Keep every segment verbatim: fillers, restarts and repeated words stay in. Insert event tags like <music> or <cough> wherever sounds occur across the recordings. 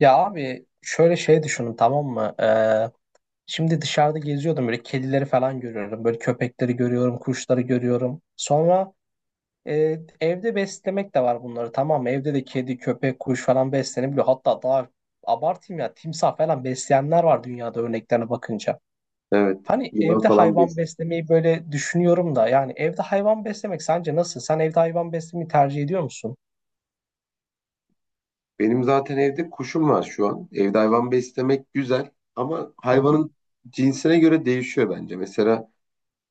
Ya abi şöyle şey düşünün tamam mı? Ee, şimdi dışarıda geziyordum böyle kedileri falan görüyorum. Böyle köpekleri görüyorum, kuşları görüyorum. Sonra e, evde beslemek de var bunları tamam mı? Evde de kedi, köpek, kuş falan beslenebiliyor. Hatta daha abartayım ya timsah falan besleyenler var dünyada örneklerine bakınca. Evet, Hani yılan evde falan hayvan besliyor. beslemeyi böyle düşünüyorum da yani evde hayvan beslemek sence nasıl? Sen evde hayvan beslemeyi tercih ediyor musun? Benim zaten evde kuşum var şu an. Evde hayvan beslemek güzel ama hayvanın cinsine göre değişiyor bence. Mesela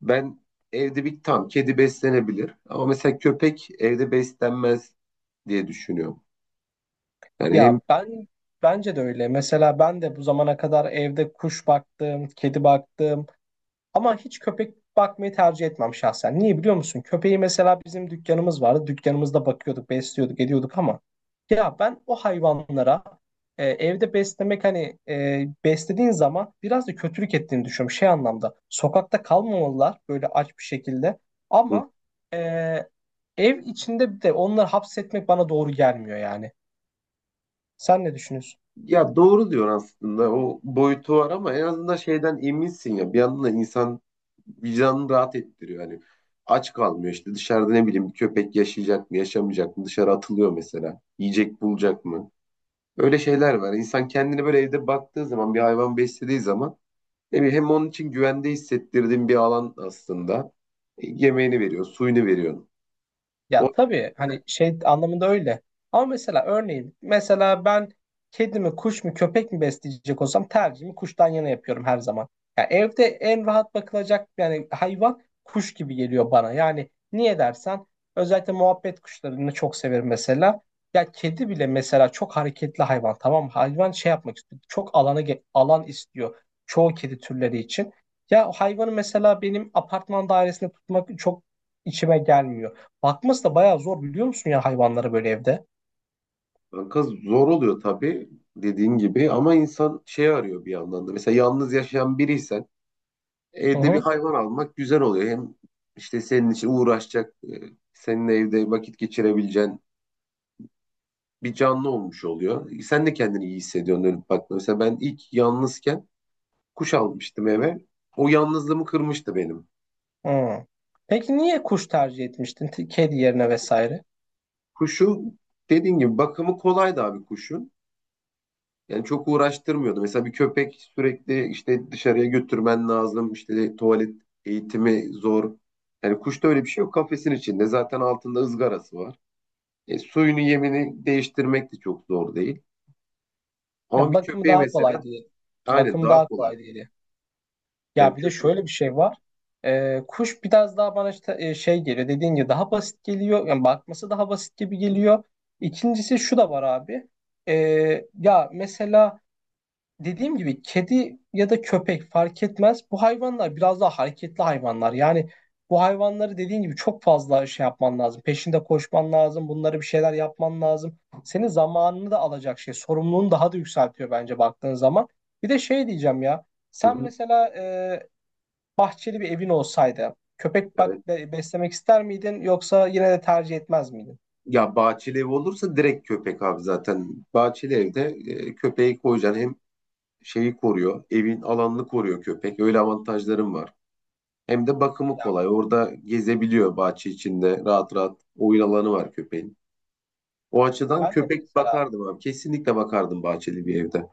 ben evde bir tam kedi beslenebilir ama mesela köpek evde beslenmez diye düşünüyorum. Yani hem... Ya ben Bence de öyle. Mesela ben de bu zamana kadar evde kuş baktım, kedi baktım ama hiç köpek bakmayı tercih etmem şahsen. Niye biliyor musun? Köpeği mesela bizim dükkanımız vardı. Dükkanımızda bakıyorduk, besliyorduk, ediyorduk ama ya ben o hayvanlara e, evde beslemek hani e, beslediğin zaman biraz da kötülük ettiğini düşünüyorum. Şey anlamda sokakta kalmamalılar böyle aç bir şekilde Hı. ama e, ev içinde de onları hapsetmek bana doğru gelmiyor yani. Sen ne düşünüyorsun? Ya doğru diyor aslında, o boyutu var ama en azından şeyden eminsin ya, bir yandan da insan vicdanını rahat ettiriyor. Hani aç kalmıyor, işte dışarıda ne bileyim bir köpek yaşayacak mı yaşamayacak mı, dışarı atılıyor mesela, yiyecek bulacak mı, öyle şeyler var. İnsan kendini böyle evde baktığı zaman, bir hayvan beslediği zaman, ne bileyim, hem onun için güvende hissettirdiğin bir alan aslında. E, yemeğini veriyor, suyunu veriyor. O... Ya tabii hani şey anlamında öyle. Ama mesela örneğin mesela ben kedi mi kuş mu köpek mi besleyecek olsam tercihimi kuştan yana yapıyorum her zaman. Ya evde en rahat bakılacak yani hayvan kuş gibi geliyor bana. Yani niye dersen özellikle muhabbet kuşlarını çok severim mesela. Ya kedi bile mesela çok hareketli hayvan tamam mı? Hayvan şey yapmak istiyor. Çok alana ge- alan istiyor çoğu kedi türleri için. Ya o hayvanı mesela benim apartman dairesinde tutmak çok içime gelmiyor. Bakması da bayağı zor biliyor musun ya hayvanlara böyle evde? Kanka, zor oluyor tabii dediğin gibi, ama insan şey arıyor bir yandan da. Mesela yalnız yaşayan biriysen Hı evde bir hı. hayvan almak güzel oluyor. Hem işte senin için uğraşacak, e, seninle evde vakit geçirebileceğin bir canlı olmuş oluyor. Sen de kendini iyi hissediyorsun dönüp baktığında. Mesela ben ilk yalnızken kuş almıştım eve. O yalnızlığımı kırmıştı benim. Hı. Peki niye kuş tercih etmiştin? T- Kedi yerine vesaire. Kuşu dediğin gibi bakımı kolaydı abi kuşun. Yani çok uğraştırmıyordu. Mesela bir köpek sürekli işte dışarıya götürmen lazım. İşte tuvalet eğitimi zor. Yani kuşta öyle bir şey yok. Kafesin içinde zaten altında ızgarası var. E, suyunu yemini değiştirmek de çok zor değil. Ama Ya bir bakımı köpeğe daha kolay mesela... diye. Aynen, Bakımı daha daha kolay kolay değil. diye. Yani Ya bir de köpek... şöyle bir şey var. Ee, kuş biraz daha bana işte e, şey geliyor. Dediğin gibi daha basit geliyor. Yani bakması daha basit gibi geliyor. İkincisi şu da var abi. Ee, ya mesela dediğim gibi kedi ya da köpek fark etmez. Bu hayvanlar biraz daha hareketli hayvanlar. Yani bu hayvanları dediğin gibi çok fazla şey yapman lazım. Peşinde koşman lazım. Bunlara bir şeyler yapman lazım. Senin zamanını da alacak şey. Sorumluluğunu daha da yükseltiyor bence baktığın zaman. Bir de şey diyeceğim ya. Hı Sen hı, mesela e, bahçeli bir evin olsaydı köpek evet. bak be- beslemek ister miydin yoksa yine de tercih etmez miydin? Ya bahçeli ev olursa direkt köpek abi zaten. Bahçeli evde e, köpeği koyacaksın, hem şeyi koruyor, evin alanını koruyor köpek. Öyle avantajlarım var. Hem de bakımı Ya kolay. Orada gezebiliyor bahçe içinde. Rahat rahat oyun alanı var köpeğin. O açıdan ben de köpek mesela bakardım abi. Kesinlikle bakardım bahçeli bir evde.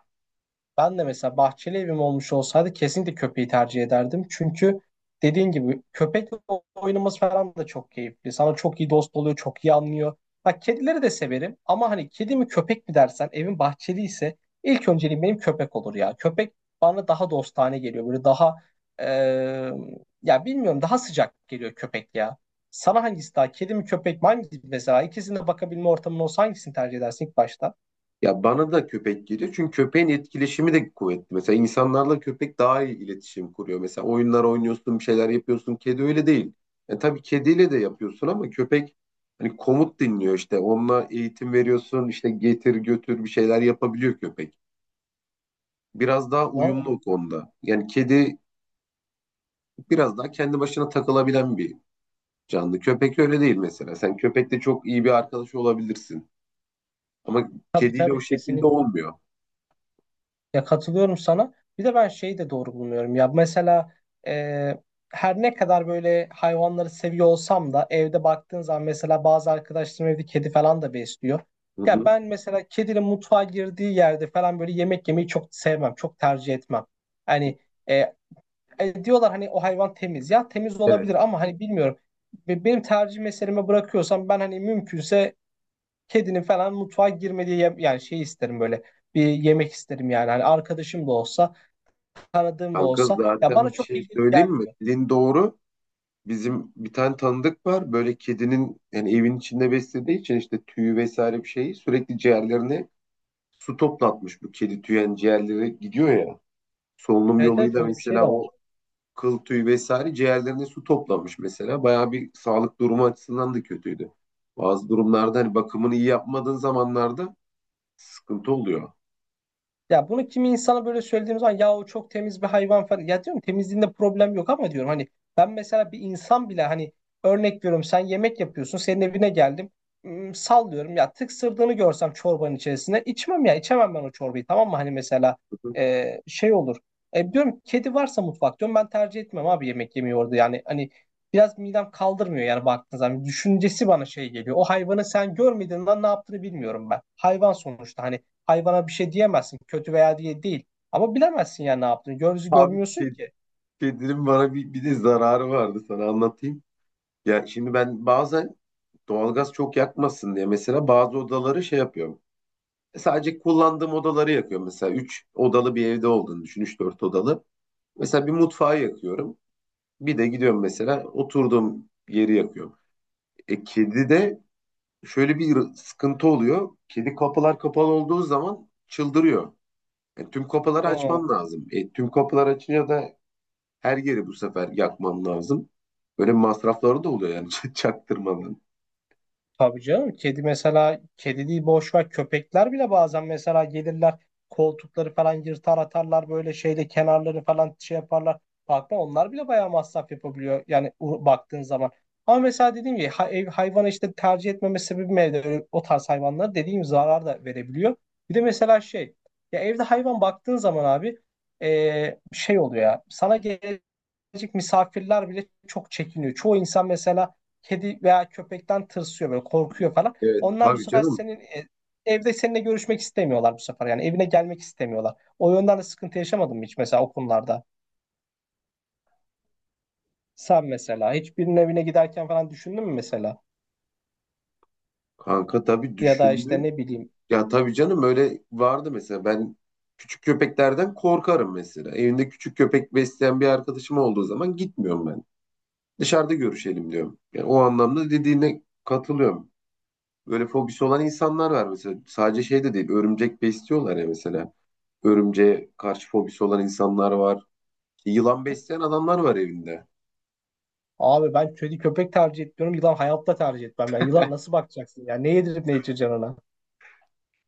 Ben de mesela bahçeli evim olmuş olsaydı kesinlikle köpeği tercih ederdim. Çünkü dediğin gibi köpekle oynaması falan da çok keyifli. Sana çok iyi dost oluyor, çok iyi anlıyor. Bak kedileri de severim ama hani kedi mi köpek mi dersen evin bahçeli ise ilk önceliğim benim köpek olur ya. Köpek bana daha dostane geliyor. Böyle daha eee, ya bilmiyorum daha sıcak geliyor köpek ya. Sana hangisi daha kedi mi köpek mi hangisi mesela ikisine bakabilme ortamın olsa hangisini tercih edersin ilk başta? Ya bana da köpek geliyor. Çünkü köpeğin etkileşimi de kuvvetli. Mesela insanlarla köpek daha iyi iletişim kuruyor. Mesela oyunlar oynuyorsun, bir şeyler yapıyorsun. Kedi öyle değil. Yani tabii kediyle de yapıyorsun ama köpek hani komut dinliyor işte. Onunla eğitim veriyorsun. İşte getir götür bir şeyler yapabiliyor köpek. Biraz daha uyumlu Vallahi o konuda. Yani kedi biraz daha kendi başına takılabilen bir canlı. Köpek öyle değil mesela. Sen köpekle çok iyi bir arkadaş olabilirsin. Ama tabii kediyle o tabii şekilde kesinlikle. olmuyor. Ya katılıyorum sana. Bir de ben şeyi de doğru bulmuyorum. Ya mesela e, her ne kadar böyle hayvanları seviyor olsam da evde baktığın zaman mesela bazı arkadaşlarım evde kedi falan da besliyor. Hı Ya hı. ben mesela kedinin mutfağa girdiği yerde falan böyle yemek yemeyi çok sevmem, çok tercih etmem. Hani e, e, diyorlar hani o hayvan temiz. Ya temiz Evet. olabilir ama hani bilmiyorum. Be- Benim tercih meseleme bırakıyorsam ben hani mümkünse kedinin falan mutfağa girmediği yem- yani şey isterim böyle bir yemek isterim yani. Hani arkadaşım da olsa, tanıdığım da Kanka, olsa ya bana zaten bir çok şey hijyenik söyleyeyim mi? gelmiyor. Dediğin doğru. Bizim bir tane tanıdık var. Böyle kedinin yani evin içinde beslediği için işte tüyü vesaire bir şeyi sürekli ciğerlerine su toplatmış. Bu kedi tüyü yani ciğerlere gidiyor ya. Solunum Evet evet yoluyla öyle bir şey mesela de var. o kıl tüyü vesaire ciğerlerine su toplamış mesela. Bayağı bir sağlık durumu açısından da kötüydü. Bazı durumlarda hani bakımını iyi yapmadığın zamanlarda sıkıntı oluyor. Ya bunu kimi insana böyle söylediğim zaman ya o çok temiz bir hayvan falan. Ya diyorum temizliğinde problem yok ama diyorum hani ben mesela bir insan bile hani örnek veriyorum sen yemek yapıyorsun senin evine geldim. Hmm, sallıyorum ya tıksırdığını görsem çorbanın içerisinde içmem ya içemem ben o çorbayı tamam mı hani mesela e, şey olur. E, diyorum kedi varsa mutfak diyorum ben tercih etmem abi yemek yemeyi orada yani hani biraz midem kaldırmıyor yani baktığın zaman düşüncesi bana şey geliyor. O hayvanı sen görmediğinden ne yaptığını bilmiyorum ben. Hayvan sonuçta hani hayvana bir şey diyemezsin. Kötü veya diye değil. Ama bilemezsin ya ne yaptığını. Gözü Abi, görmüyorsun ked- ki. kedinin bana bir, bir de zararı vardı, sana anlatayım. Yani şimdi ben bazen doğalgaz çok yakmasın diye mesela bazı odaları şey yapıyorum. E, Sadece kullandığım odaları yakıyorum. Mesela üç odalı bir evde olduğunu düşün. üç dört odalı. Mesela bir mutfağı yakıyorum. Bir de gidiyorum mesela oturduğum yeri yakıyorum. E, kedi de şöyle bir sıkıntı oluyor. Kedi kapılar kapalı olduğu zaman çıldırıyor. E, tüm kapıları Hı. açman lazım. E, tüm kapılar açınca da her yeri bu sefer yakmam lazım. Böyle masrafları da oluyor yani <laughs> çaktırmadan. Tabii canım kedi mesela kedi değil boş ver köpekler bile bazen mesela gelirler koltukları falan yırtar atarlar böyle şeyde kenarları falan şey yaparlar. Bakma onlar bile bayağı masraf yapabiliyor yani u- baktığın zaman. Ama mesela dediğim gibi ha- ev, hayvanı işte tercih etmeme sebebim evde öyle, o tarz hayvanlara dediğim gibi zarar da verebiliyor. Bir de mesela şey ya evde hayvan baktığın zaman abi e, şey oluyor ya sana gel birazcık misafirler bile çok çekiniyor. Çoğu insan mesela kedi veya köpekten tırsıyor böyle korkuyor falan. Evet, Onlar bu tabii sefer canım. senin e, evde seninle görüşmek istemiyorlar bu sefer. Yani evine gelmek istemiyorlar. O yönden de sıkıntı yaşamadın mı hiç mesela o konularda? Sen mesela hiçbirinin evine giderken falan düşündün mü mesela? Kanka, tabii Ya da işte düşündüm. ne bileyim Ya tabii canım, öyle vardı mesela. Ben küçük köpeklerden korkarım mesela. Evinde küçük köpek besleyen bir arkadaşım olduğu zaman gitmiyorum ben. Dışarıda görüşelim diyorum. Yani o anlamda dediğine katılıyorum. Böyle fobisi olan insanlar var mesela. Sadece şey de değil. Örümcek besliyorlar ya mesela. Örümceğe karşı fobisi olan insanlar var. İşte yılan besleyen adamlar var evinde. abi ben kedi köpek tercih etmiyorum. Yılan hayatta tercih etmem. Ya yılan nasıl bakacaksın? Ya ne yedirip ne içireceksin ona?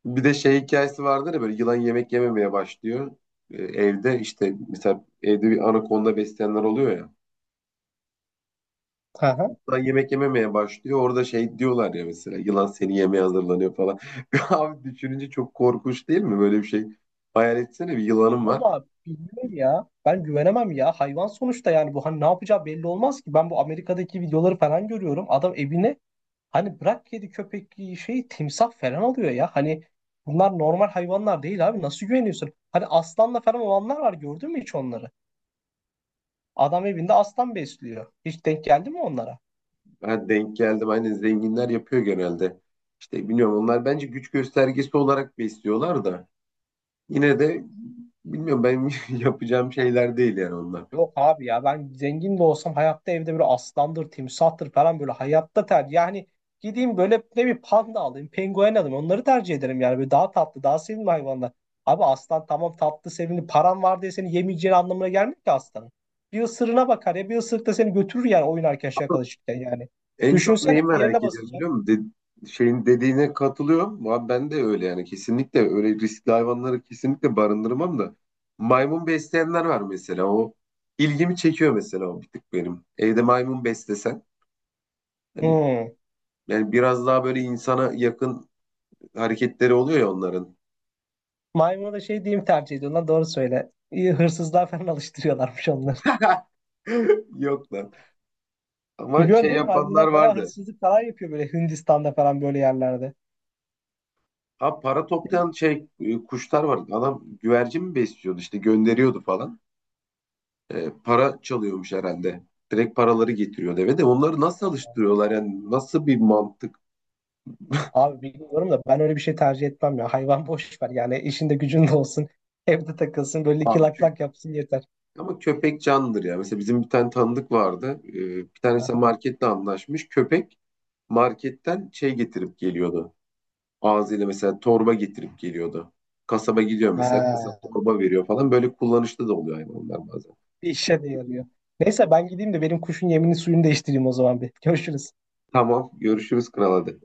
Bir de şey hikayesi vardır ya, böyle yılan yemek yememeye başlıyor. Ee, evde işte mesela evde bir anakonda besleyenler oluyor ya. <laughs> Yılan yemek yememeye başlıyor. Orada şey diyorlar ya, mesela yılan seni yemeye hazırlanıyor falan. <laughs> Abi düşününce çok korkunç değil mi? Böyle bir şey. Hayal etsene, bir yılanım var. Valla bilmiyorum ya. Ben güvenemem ya. Hayvan sonuçta yani bu hani ne yapacağı belli olmaz ki. Ben bu Amerika'daki videoları falan görüyorum. Adam evine hani bırak kedi köpek şey timsah falan alıyor ya. Hani bunlar normal hayvanlar değil abi. Nasıl güveniyorsun? Hani aslanla falan olanlar var gördün mü hiç onları? Adam evinde aslan besliyor. Hiç denk geldi mi onlara? Ha, denk geldim. Aynen, zenginler yapıyor genelde. İşte bilmiyorum, onlar bence güç göstergesi olarak besliyorlar da. Yine de bilmiyorum ben, <laughs> yapacağım şeyler değil yani onlar. Yok abi ya ben zengin de olsam hayatta evde böyle aslandır, timsahtır falan böyle hayatta tercih. Yani gideyim böyle ne bir panda alayım, penguen alayım onları tercih ederim yani. Böyle daha tatlı, daha sevimli hayvanlar. Abi aslan tamam tatlı, sevimli. Paran var diye seni yemeyeceğin anlamına gelmiyor ki aslanın. Bir ısırığına bakar ya bir ısırık da seni götürür yani oynarken şakalaşırken yani. En çok Düşünsene neyi bir yerine merak ediyorum basacağım. biliyor musun? De- şeyin dediğine katılıyorum, ama ben de öyle yani, kesinlikle öyle riskli hayvanları kesinlikle barındırmam da. Maymun besleyenler var mesela, o ilgimi çekiyor mesela, o bir tık benim. Evde maymun beslesen, yani, Hmm. yani biraz daha böyle insana yakın hareketleri oluyor ya onların. Maymuna da şey diyeyim tercih ediyorlar doğru söyle. İyi hırsızlığa falan alıştırıyorlarmış onları. <laughs> Yok lan. Ama Biliyorsun şey değil mi? yapanlar Maymunlar bayağı vardı. hırsızlık falan yapıyor böyle Hindistan'da falan böyle yerlerde. Ha, para toplayan şey e, kuşlar vardı. Adam güvercin mi besliyordu işte, gönderiyordu falan. E, para çalıyormuş herhalde. Direkt paraları getiriyor eve, de onları nasıl alıştırıyorlar yani, nasıl bir mantık... Abi bilmiyorum da ben öyle bir şey tercih etmem ya. Hayvan boş ver yani işinde gücünde olsun. <laughs> Evde takılsın böyle iki abi lak kö- lak yapsın yeter. Ama köpek canlıdır ya. Mesela bizim bir tane tanıdık vardı. E, bir tanesi Aha. marketle anlaşmış. Köpek marketten şey getirip geliyordu. Ağzıyla mesela torba getirip geliyordu. Kasaba gidiyor mesela, Ha, kasap torba veriyor falan. Böyle kullanışlı da oluyor hayvanlar bazen. bir işe de yarıyor. Neyse ben gideyim de benim kuşun yemini suyunu değiştireyim o zaman bir. Görüşürüz. Tamam, görüşürüz kral, hadi.